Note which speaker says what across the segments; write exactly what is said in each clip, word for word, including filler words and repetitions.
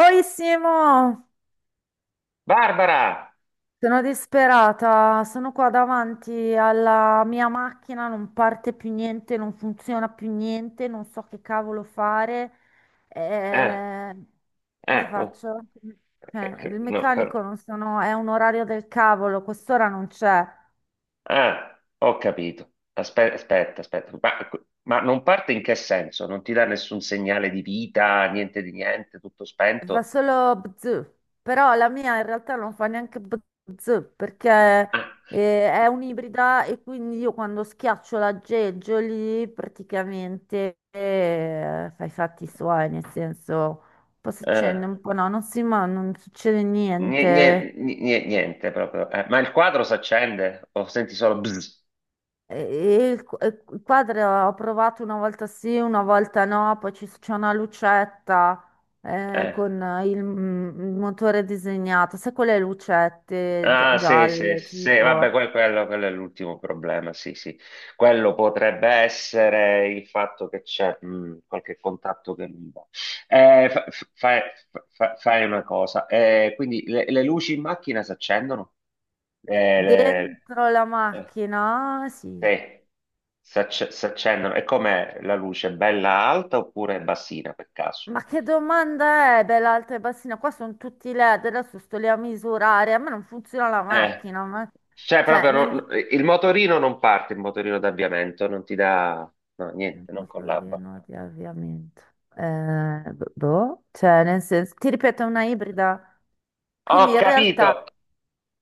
Speaker 1: Oi Simo,
Speaker 2: Barbara!
Speaker 1: sono disperata, sono qua davanti alla mia macchina, non parte più niente, non funziona più niente, non so che cavolo fare.
Speaker 2: Eh,
Speaker 1: Eh, cosa
Speaker 2: eh, no,
Speaker 1: faccio?
Speaker 2: eh,
Speaker 1: Cioè,
Speaker 2: che-
Speaker 1: il
Speaker 2: no, eh,
Speaker 1: meccanico non sono, è un orario del cavolo, quest'ora non c'è.
Speaker 2: ah, ho capito. Aspe- Aspetta, aspetta, Ma, ma non parte in che senso? Non ti dà nessun segnale di vita, niente di niente, tutto
Speaker 1: Fa
Speaker 2: spento?
Speaker 1: solo bzz, però la mia in realtà non fa neanche bzz perché
Speaker 2: Ah,
Speaker 1: eh, è un'ibrida e quindi io quando schiaccio l'aggeggio lì praticamente eh, fa i fatti suoi, nel senso un po' si
Speaker 2: eh,
Speaker 1: accende, un po' no, non si, ma non succede
Speaker 2: nie-
Speaker 1: niente.
Speaker 2: nie- nie- Niente proprio. Eh, ma il quadro si accende o senti solo bzz?
Speaker 1: E il qu- e il quadro ho provato una volta sì, una volta no, poi ci- c'è una lucetta eh,
Speaker 2: Eh.
Speaker 1: con il, mm, il motore disegnato, sai quelle lucette gia-
Speaker 2: Ah, sì, sì,
Speaker 1: gialle
Speaker 2: sì, vabbè,
Speaker 1: tipo
Speaker 2: que- quello, quello è l'ultimo problema, sì, sì. Quello potrebbe essere il fatto che c'è mh, qualche contatto che non va. Eh, fa- fa- fai fa- fai una cosa, eh, quindi le, le luci in macchina si accendono? Eh, le-
Speaker 1: dentro la
Speaker 2: eh,
Speaker 1: macchina? Sì.
Speaker 2: sì, si acc- si accendono. E com'è la luce? Bella alta oppure bassina per caso?
Speaker 1: Ma che domanda è, bella alta e bassina? Qua sono tutti L E D, adesso sto lì a misurare, a me non funziona la
Speaker 2: Eh,
Speaker 1: macchina, ma...
Speaker 2: cioè
Speaker 1: cioè,
Speaker 2: proprio non- il motorino non parte, il motorino d'avviamento non ti dà, no, niente, non collabora.
Speaker 1: motorino di avviamento. Eh, boh, cioè nel senso, ti ripeto, è una ibrida. Quindi
Speaker 2: Ho
Speaker 1: in
Speaker 2: capito,
Speaker 1: realtà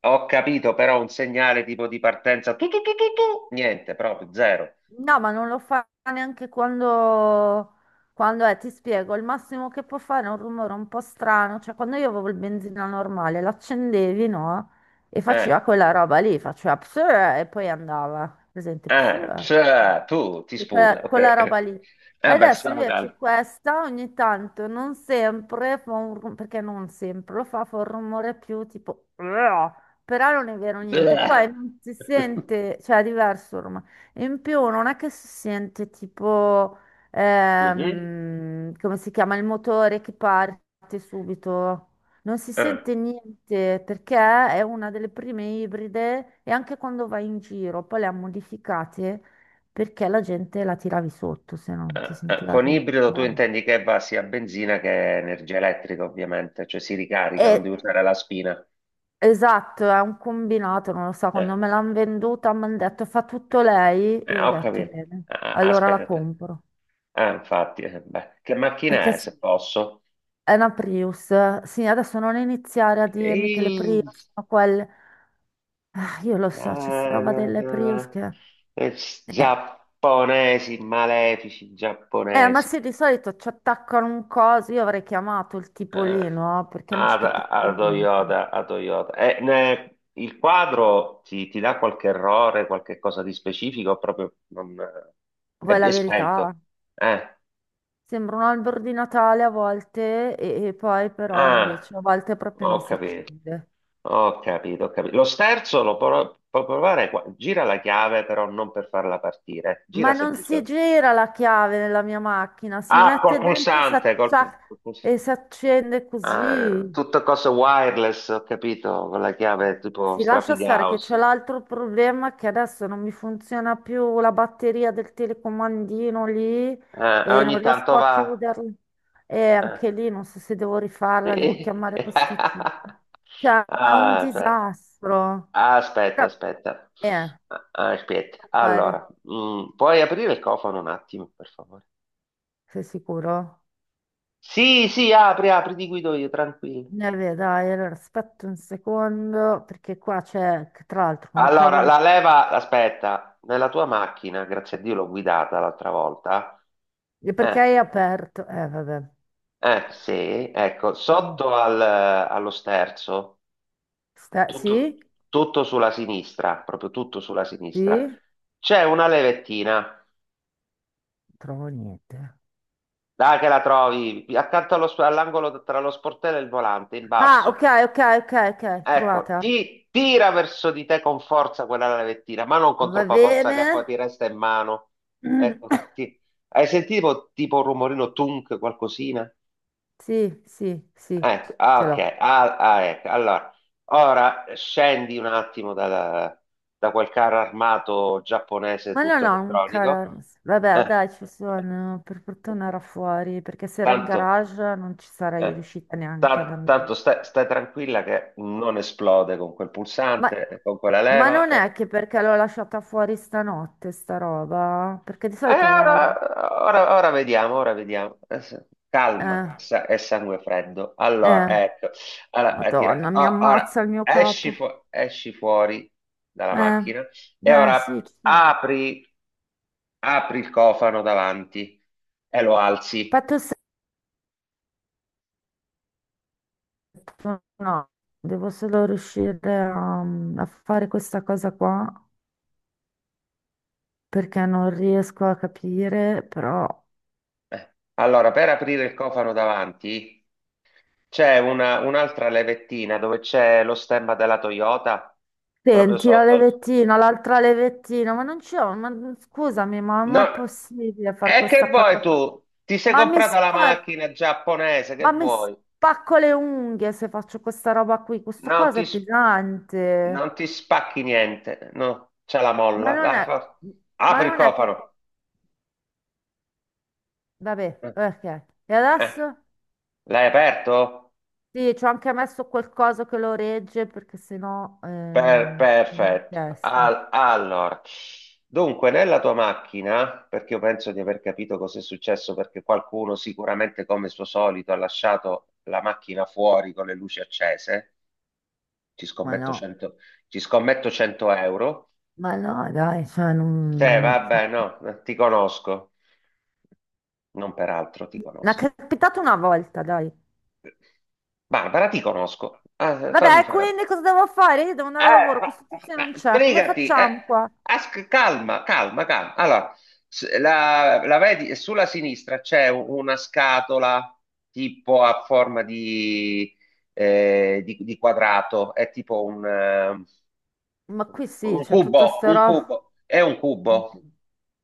Speaker 2: ho capito, però un segnale tipo di partenza, tu, tu, tu, tu, tu, niente, proprio zero.
Speaker 1: no, ma non lo fa neanche quando, quando è, ti spiego, il massimo che può fare è un rumore un po' strano, cioè quando io avevo il benzina normale, l'accendevi, no? E
Speaker 2: Eh,
Speaker 1: faceva quella roba lì, faceva pss, e poi andava, presente,
Speaker 2: eh,
Speaker 1: pss,
Speaker 2: Psa, tu ti
Speaker 1: e
Speaker 2: sputa,
Speaker 1: que-
Speaker 2: ok.
Speaker 1: quella
Speaker 2: Eh,
Speaker 1: roba lì.
Speaker 2: Vabbè,
Speaker 1: Adesso
Speaker 2: stiamo
Speaker 1: invece
Speaker 2: calmi.
Speaker 1: questa ogni tanto, non sempre, fa un rum- perché non sempre, lo fa, fa un rumore più tipo, "Uah", però non è vero niente, poi
Speaker 2: Bleh.
Speaker 1: non si sente, cioè è diverso il rumore e in più non è che si sente tipo,
Speaker 2: Mhm.
Speaker 1: ehm, come si chiama, il motore che parte subito. Non si
Speaker 2: Eh,
Speaker 1: sente niente perché è una delle prime ibride e anche quando vai in giro poi le ha modificate perché la gente la tiravi sotto se non ti
Speaker 2: eh, eh.
Speaker 1: sentiva
Speaker 2: Con ibrido tu
Speaker 1: arrivare.
Speaker 2: intendi che va sia a benzina che energia elettrica, ovviamente, cioè si ricarica,
Speaker 1: E,
Speaker 2: non devi usare la spina.
Speaker 1: esatto, è un combinato, non lo so, quando me
Speaker 2: Eh.
Speaker 1: l'hanno venduta mi hanno detto fa tutto lei e
Speaker 2: Eh,
Speaker 1: io ho
Speaker 2: ho
Speaker 1: detto
Speaker 2: capito.
Speaker 1: bene,
Speaker 2: Ah, ah,
Speaker 1: allora
Speaker 2: aspetta,
Speaker 1: la
Speaker 2: aspetta.
Speaker 1: compro
Speaker 2: Ah, infatti, eh, beh, che
Speaker 1: perché
Speaker 2: macchina è,
Speaker 1: s-
Speaker 2: se posso?
Speaker 1: è una Prius. Sì, adesso non iniziare a dirmi
Speaker 2: Ehi,
Speaker 1: che le Prius sono quelle. Ah, io lo so, c'è sta roba
Speaker 2: ah, ah,
Speaker 1: delle Prius
Speaker 2: ah,
Speaker 1: che...
Speaker 2: eh,
Speaker 1: Eh.
Speaker 2: giapponesi, malefici
Speaker 1: Eh, ma
Speaker 2: giapponesi.
Speaker 1: sì, di solito ci attaccano un coso. Io avrei chiamato il tipo
Speaker 2: Eh,
Speaker 1: lì, no? Perché non
Speaker 2: a,
Speaker 1: ci capisco
Speaker 2: a
Speaker 1: niente.
Speaker 2: Toyota, a Toyota. Eh, ne- il quadro ti, ti dà qualche errore, qualche cosa di specifico, proprio non, eh, è,
Speaker 1: Poi
Speaker 2: è
Speaker 1: la verità,
Speaker 2: spento. Eh.
Speaker 1: sembra un albero di Natale a volte e, e poi però
Speaker 2: Ah,
Speaker 1: invece a volte proprio non
Speaker 2: ho
Speaker 1: si
Speaker 2: capito.
Speaker 1: accende.
Speaker 2: Ho capito, ho capito. Lo sterzo lo pro- può provare qua. Gira la chiave, però non per farla partire. Gira
Speaker 1: Ma non si
Speaker 2: semplicemente.
Speaker 1: gira la chiave nella mia macchina, si
Speaker 2: Ah, col
Speaker 1: mette dentro
Speaker 2: pulsante, col,
Speaker 1: s'accia-
Speaker 2: pul- col puls-
Speaker 1: e si accende
Speaker 2: Ah,
Speaker 1: così.
Speaker 2: tutte cose wireless, ho capito, con la chiave tipo
Speaker 1: Si lascia stare che
Speaker 2: Strafigauss.
Speaker 1: c'è l'altro problema che adesso non mi funziona più la batteria del telecomandino lì
Speaker 2: Eh,
Speaker 1: e non
Speaker 2: ogni tanto
Speaker 1: riesco a
Speaker 2: va.
Speaker 1: chiuderla. E
Speaker 2: eh.
Speaker 1: anche lì non so se devo rifarla, devo
Speaker 2: Sì.
Speaker 1: chiamare questo tipo. Cioè, è un
Speaker 2: Ah, aspetta,
Speaker 1: disastro.
Speaker 2: aspetta,
Speaker 1: Però,
Speaker 2: aspetta.
Speaker 1: eh,
Speaker 2: Ah, aspetta.
Speaker 1: devo fare.
Speaker 2: Allora, mm, puoi aprire il cofano un attimo, per favore?
Speaker 1: Sei sicuro?
Speaker 2: Sì, sì, apri, apri, ti guido io, tranquillo.
Speaker 1: Ne vedi, dai, allora aspetta un secondo perché qua c'è, che tra l'altro, come
Speaker 2: Allora,
Speaker 1: cavolo...
Speaker 2: la
Speaker 1: si-
Speaker 2: leva, aspetta, nella tua macchina, grazie a Dio l'ho guidata l'altra volta.
Speaker 1: E perché hai
Speaker 2: Eh,
Speaker 1: aperto? Eh, vabbè.
Speaker 2: eh, sì, ecco,
Speaker 1: Mm.
Speaker 2: sotto al- allo sterzo,
Speaker 1: Sta- Sì?
Speaker 2: tutto, tutto sulla sinistra, proprio tutto sulla sinistra,
Speaker 1: Sì?
Speaker 2: c'è una levettina,
Speaker 1: Trovo niente.
Speaker 2: dai che la trovi, accanto allo sp- all'angolo tra lo sportello e il volante, in
Speaker 1: Ah, ok,
Speaker 2: basso.
Speaker 1: ok, ok, ok,
Speaker 2: Ecco,
Speaker 1: trovata.
Speaker 2: ti tira verso di te con forza quella lavettina, ma non con
Speaker 1: Va
Speaker 2: troppa forza
Speaker 1: bene.
Speaker 2: che poi ti resta in mano. Ecco, ti- hai sentito tipo un rumorino tunk, qualcosina?
Speaker 1: Sì, sì, sì,
Speaker 2: Ecco, ah,
Speaker 1: ce
Speaker 2: ok,
Speaker 1: l'ho.
Speaker 2: ah, ah, ecco. Allora, ora scendi un attimo da, da quel carro armato giapponese
Speaker 1: Ma no,
Speaker 2: tutto
Speaker 1: no, un
Speaker 2: elettronico.
Speaker 1: cara... Vabbè,
Speaker 2: Eh,
Speaker 1: dai, ci sono. Per fortuna era fuori, perché se era in
Speaker 2: tanto,
Speaker 1: garage non ci sarei
Speaker 2: eh,
Speaker 1: riuscita neanche ad
Speaker 2: ta- Tanto
Speaker 1: andare.
Speaker 2: stai, stai tranquilla che non esplode con quel
Speaker 1: Ma,
Speaker 2: pulsante, e con quella
Speaker 1: ma
Speaker 2: leva.
Speaker 1: non è
Speaker 2: eh.
Speaker 1: che perché l'ho lasciata fuori stanotte, sta roba? Perché di
Speaker 2: Eh,
Speaker 1: solito la...
Speaker 2: ora, ora- ora vediamo, ora vediamo. Adesso- Calma,
Speaker 1: Eh,
Speaker 2: sa- è sangue freddo. Allora,
Speaker 1: eh,
Speaker 2: ecco. Allora, eh, tira-
Speaker 1: Madonna, mi
Speaker 2: o-
Speaker 1: ammazza
Speaker 2: ora
Speaker 1: il mio
Speaker 2: esci,
Speaker 1: capo.
Speaker 2: fu- esci fuori dalla
Speaker 1: Eh,
Speaker 2: macchina e
Speaker 1: eh,
Speaker 2: ora
Speaker 1: sì, sì.
Speaker 2: apri, apri il cofano davanti e lo alzi.
Speaker 1: Fatto. No, devo solo riuscire a, a fare questa cosa qua perché non riesco a capire, però...
Speaker 2: Eh, Allora, per aprire il cofano davanti c'è una- un'altra levettina dove c'è lo stemma della Toyota proprio
Speaker 1: Senti, la
Speaker 2: sotto.
Speaker 1: levettina, l'altra levettina, ma non c'è... Ma, scusami, ma non
Speaker 2: No,
Speaker 1: è possibile fare
Speaker 2: e che
Speaker 1: questa
Speaker 2: vuoi
Speaker 1: cosa qua?
Speaker 2: tu? Ti sei
Speaker 1: Ma mi,
Speaker 2: comprata la
Speaker 1: spar-
Speaker 2: macchina giapponese,
Speaker 1: ma
Speaker 2: che
Speaker 1: mi
Speaker 2: vuoi?
Speaker 1: spacco le unghie se faccio questa roba qui. Questo
Speaker 2: Non
Speaker 1: coso
Speaker 2: ti,
Speaker 1: è
Speaker 2: s-
Speaker 1: pesante.
Speaker 2: Non ti spacchi niente, no? C'è la
Speaker 1: Ma
Speaker 2: molla.
Speaker 1: non
Speaker 2: Dai,
Speaker 1: è...
Speaker 2: for-
Speaker 1: Ma
Speaker 2: apri il
Speaker 1: non è che...
Speaker 2: cofano.
Speaker 1: Vabbè,
Speaker 2: Eh,
Speaker 1: ok. E
Speaker 2: eh,
Speaker 1: adesso?
Speaker 2: L'hai aperto?
Speaker 1: Sì, ci ho anche messo quel coso che lo regge perché sennò eh,
Speaker 2: Per-
Speaker 1: viene in
Speaker 2: perfetto.
Speaker 1: testa.
Speaker 2: Al- allora, dunque, nella tua macchina, perché io penso di aver capito cosa è successo, perché qualcuno sicuramente, come suo solito, ha lasciato la macchina fuori con le luci accese. Ci
Speaker 1: Ma
Speaker 2: scommetto
Speaker 1: no,
Speaker 2: 100, Ci scommetto cento euro.
Speaker 1: ma no, dai, cioè
Speaker 2: Te,
Speaker 1: non...
Speaker 2: vabbè, no, ti conosco. Non peraltro, ti
Speaker 1: Mi è
Speaker 2: conosco.
Speaker 1: capitato una volta, dai.
Speaker 2: Barbara, ti conosco. Ah, fammi
Speaker 1: Vabbè,
Speaker 2: fare.
Speaker 1: quindi cosa devo fare? Io devo andare al lavoro, questo tizio non
Speaker 2: Eh,
Speaker 1: c'è, come
Speaker 2: sbrigati, eh,
Speaker 1: facciamo qua?
Speaker 2: as- calma, calma, calma. Allora, s- la, la vedi, sulla sinistra c'è u- una scatola tipo a forma di, eh, di- di quadrato, è tipo un, eh,
Speaker 1: Ma qui sì,
Speaker 2: un
Speaker 1: c'è tutta
Speaker 2: cubo,
Speaker 1: sta
Speaker 2: un
Speaker 1: roba.
Speaker 2: cubo, è un
Speaker 1: Un
Speaker 2: cubo,
Speaker 1: cu-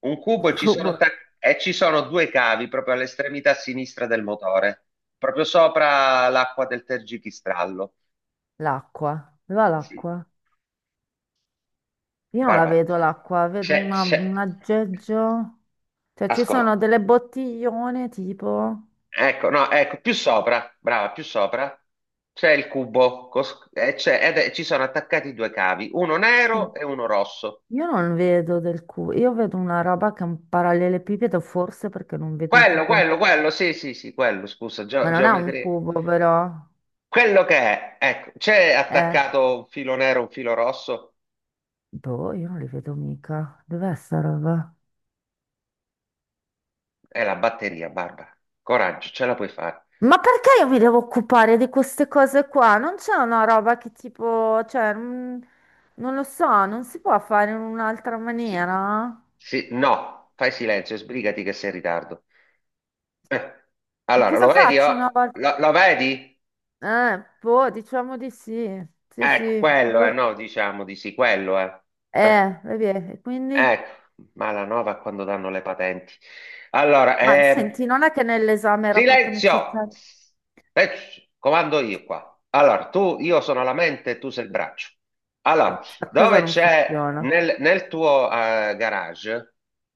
Speaker 2: un
Speaker 1: un
Speaker 2: cubo e ci sono,
Speaker 1: cubo.
Speaker 2: attac- e ci sono due cavi proprio all'estremità sinistra del motore, proprio sopra l'acqua del tergipistrallo.
Speaker 1: L'acqua, dove va
Speaker 2: Sì.
Speaker 1: l'acqua? Io non la
Speaker 2: Barbara,
Speaker 1: vedo l'acqua, vedo
Speaker 2: c'è,
Speaker 1: una-
Speaker 2: c'è,
Speaker 1: un aggeggio. Cioè ci sono
Speaker 2: ascolta,
Speaker 1: delle bottiglione tipo...
Speaker 2: ecco, no, ecco, più sopra, brava, più sopra, c'è il cubo, cos- e c'è- ed è- ci sono attaccati due cavi, uno nero e uno rosso.
Speaker 1: Io non vedo del cubo, io vedo una roba che è un parallelepipedo, forse perché non vedo
Speaker 2: Quello,
Speaker 1: giù come...
Speaker 2: quello, quello, sì, sì, sì, quello, scusa, geo-
Speaker 1: Ma non è un
Speaker 2: geometria.
Speaker 1: cubo, però.
Speaker 2: Quello che è, ecco, c'è
Speaker 1: Eh,
Speaker 2: attaccato un filo nero, un filo rosso,
Speaker 1: boh, io non li vedo mica. Dov'è sta roba?
Speaker 2: è la batteria, Barbara. Coraggio, ce la puoi fare.
Speaker 1: Ma perché io mi devo occupare di queste cose qua? Non c'è una roba che tipo, cioè, mm, non lo so, non si può fare in un'altra
Speaker 2: Sì,
Speaker 1: maniera?
Speaker 2: sì, no, fai silenzio, sbrigati che sei in ritardo. Eh,
Speaker 1: E
Speaker 2: Allora, lo
Speaker 1: cosa
Speaker 2: vedi?
Speaker 1: faccio una
Speaker 2: Oh?
Speaker 1: volta?
Speaker 2: Lo, lo vedi?
Speaker 1: Eh, boh, diciamo di sì. Sì,
Speaker 2: Ecco,
Speaker 1: sì.
Speaker 2: quello è, no, diciamo di sì, quello è. Eh,
Speaker 1: Eh, vedi, e quindi?
Speaker 2: ecco, malanova quando danno le patenti. Allora,
Speaker 1: Ma
Speaker 2: ehm,
Speaker 1: senti, non è che nell'esame era proprio
Speaker 2: silenzio!
Speaker 1: necessario?
Speaker 2: Eh, comando io qua. Allora, tu, io sono la mente, tu sei il braccio. Allora,
Speaker 1: Questa cosa
Speaker 2: dove
Speaker 1: non
Speaker 2: c'è
Speaker 1: funziona.
Speaker 2: nel, nel tuo eh, garage?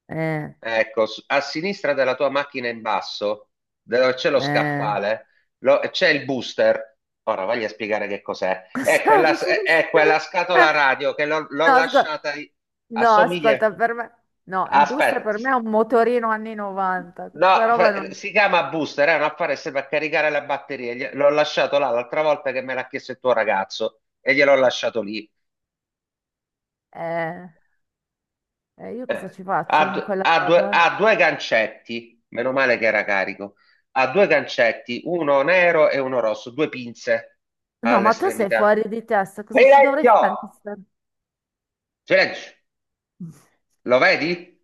Speaker 1: Eh,
Speaker 2: Ecco, s- a sinistra della tua macchina in basso, dove c'è lo
Speaker 1: eh,
Speaker 2: scaffale, lo- c'è il booster. Ora voglio spiegare che cos'è. È
Speaker 1: cosa
Speaker 2: quella,
Speaker 1: non
Speaker 2: è, è quella
Speaker 1: funziona?
Speaker 2: scatola radio che l'ho l'ho
Speaker 1: No,
Speaker 2: lasciata,
Speaker 1: ascolta,
Speaker 2: lì.
Speaker 1: no,
Speaker 2: Assomiglia.
Speaker 1: ascolta, per me, no, il booster
Speaker 2: Aspetta,
Speaker 1: per me è un motorino anni novanta,
Speaker 2: no,
Speaker 1: questa roba
Speaker 2: fa-
Speaker 1: non...
Speaker 2: si chiama booster, è un apparato serve a caricare la batteria. Gli- L'ho lasciato là l'altra volta che me l'ha chiesto il tuo ragazzo e gliel'ho lasciato lì.
Speaker 1: Eh, eh, io cosa
Speaker 2: Eh,
Speaker 1: ci
Speaker 2: ha,
Speaker 1: faccio con
Speaker 2: d-
Speaker 1: quella
Speaker 2: ha due,
Speaker 1: roba?
Speaker 2: ha due gancetti, meno male che era carico. Ha due gancetti, uno nero e uno rosso, due pinze
Speaker 1: No, ma tu sei
Speaker 2: all'estremità.
Speaker 1: fuori di testa, cosa ci dovrei fare?
Speaker 2: Silenzio! Silenzio! Lo vedi?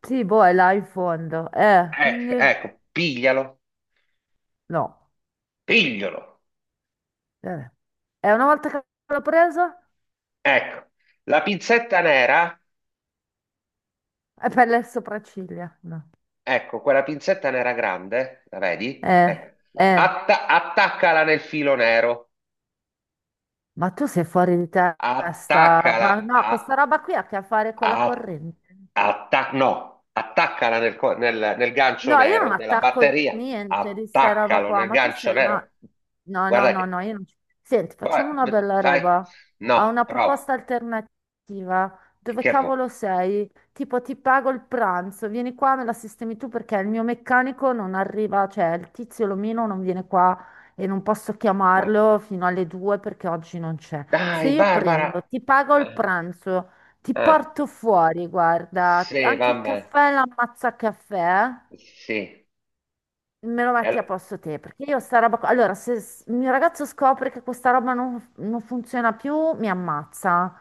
Speaker 1: Sì, boh, è là in fondo, eh, quindi
Speaker 2: Ecco, ecco, piglialo,
Speaker 1: no.
Speaker 2: piglialo.
Speaker 1: Eh. E una volta che l'ho preso,
Speaker 2: Ecco, la pinzetta nera,
Speaker 1: è per le sopracciglia. No.
Speaker 2: ecco, quella pinzetta nera grande, la vedi?
Speaker 1: Eh,
Speaker 2: Ecco.
Speaker 1: eh,
Speaker 2: Atta- attaccala nel filo nero.
Speaker 1: ma tu sei fuori di testa. Ma
Speaker 2: Attaccala,
Speaker 1: no, questa
Speaker 2: a-
Speaker 1: roba qui ha a che fare con la
Speaker 2: A-
Speaker 1: corrente.
Speaker 2: atta- no, attaccala nel, co- nel- nel gancio
Speaker 1: No, io non
Speaker 2: nero della
Speaker 1: attacco
Speaker 2: batteria,
Speaker 1: niente di sta roba
Speaker 2: attaccalo
Speaker 1: qua,
Speaker 2: nel
Speaker 1: ma tu
Speaker 2: gancio
Speaker 1: sei,
Speaker 2: nero.
Speaker 1: ma... No, no,
Speaker 2: Guarda
Speaker 1: no,
Speaker 2: che
Speaker 1: no, io non... ci- Senti, facciamo
Speaker 2: va-
Speaker 1: una
Speaker 2: v-
Speaker 1: bella
Speaker 2: fai,
Speaker 1: roba.
Speaker 2: no,
Speaker 1: Ho una
Speaker 2: prova,
Speaker 1: proposta alternativa. Dove
Speaker 2: che vuoi?
Speaker 1: cavolo sei? Tipo, ti pago il pranzo, vieni qua, me la sistemi tu perché il mio meccanico non arriva, cioè il tizio Lomino non viene qua e non posso
Speaker 2: Ma
Speaker 1: chiamarlo fino alle due perché oggi non c'è. Se
Speaker 2: dai,
Speaker 1: io prendo,
Speaker 2: Barbara,
Speaker 1: ti pago il
Speaker 2: eh,
Speaker 1: pranzo, ti
Speaker 2: eh,
Speaker 1: porto fuori, guarda,
Speaker 2: sì,
Speaker 1: anche il
Speaker 2: vabbè,
Speaker 1: caffè, l'ammazza caffè. Eh.
Speaker 2: sì,
Speaker 1: Me lo metti a
Speaker 2: Eh,
Speaker 1: posto te, perché io sta roba... qua- Allora, se s- il mio ragazzo scopre che questa roba non, non funziona più, mi ammazza.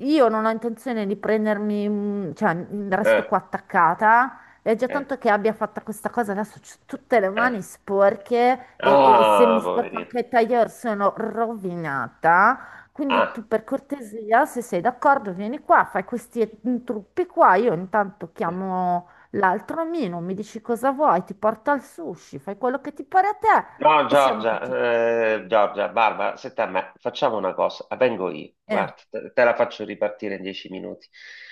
Speaker 1: Io non ho intenzione di prendermi, un- cioè, m,
Speaker 2: eh,
Speaker 1: resto qua attaccata. E già
Speaker 2: eh,
Speaker 1: tanto che abbia fatto questa cosa, adesso ho tutte le
Speaker 2: eh.
Speaker 1: mani sporche e, e se
Speaker 2: ah,
Speaker 1: mi sporco
Speaker 2: poverino,
Speaker 1: anche il tailleur sono rovinata. Quindi
Speaker 2: ah.
Speaker 1: tu per cortesia, se sei d'accordo, vieni qua, fai questi mm, trucchi qua. Io intanto
Speaker 2: eh.
Speaker 1: chiamo... L'altro Mino mi dici cosa vuoi, ti porta al sushi, fai quello che ti pare a te
Speaker 2: No,
Speaker 1: e siamo
Speaker 2: Giorgia,
Speaker 1: tutti
Speaker 2: eh,
Speaker 1: qui.
Speaker 2: Giorgia, Barbara, senta a me, facciamo una cosa, la vengo io,
Speaker 1: Eh,
Speaker 2: guarda, te, te, la faccio ripartire in dieci minuti.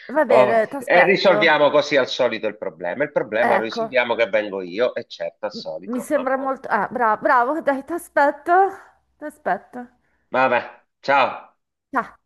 Speaker 1: va
Speaker 2: Oh,
Speaker 1: bene, ti
Speaker 2: e
Speaker 1: aspetto.
Speaker 2: risolviamo così al solito il problema. Il problema lo
Speaker 1: Ecco,
Speaker 2: risolviamo che vengo io, e certo, al
Speaker 1: mi
Speaker 2: solito,
Speaker 1: sembra
Speaker 2: vabbè.
Speaker 1: molto... Ah, bravo, bravo, dai, ti aspetto. Ti aspetto.
Speaker 2: Vabbè, ciao.
Speaker 1: Ciao.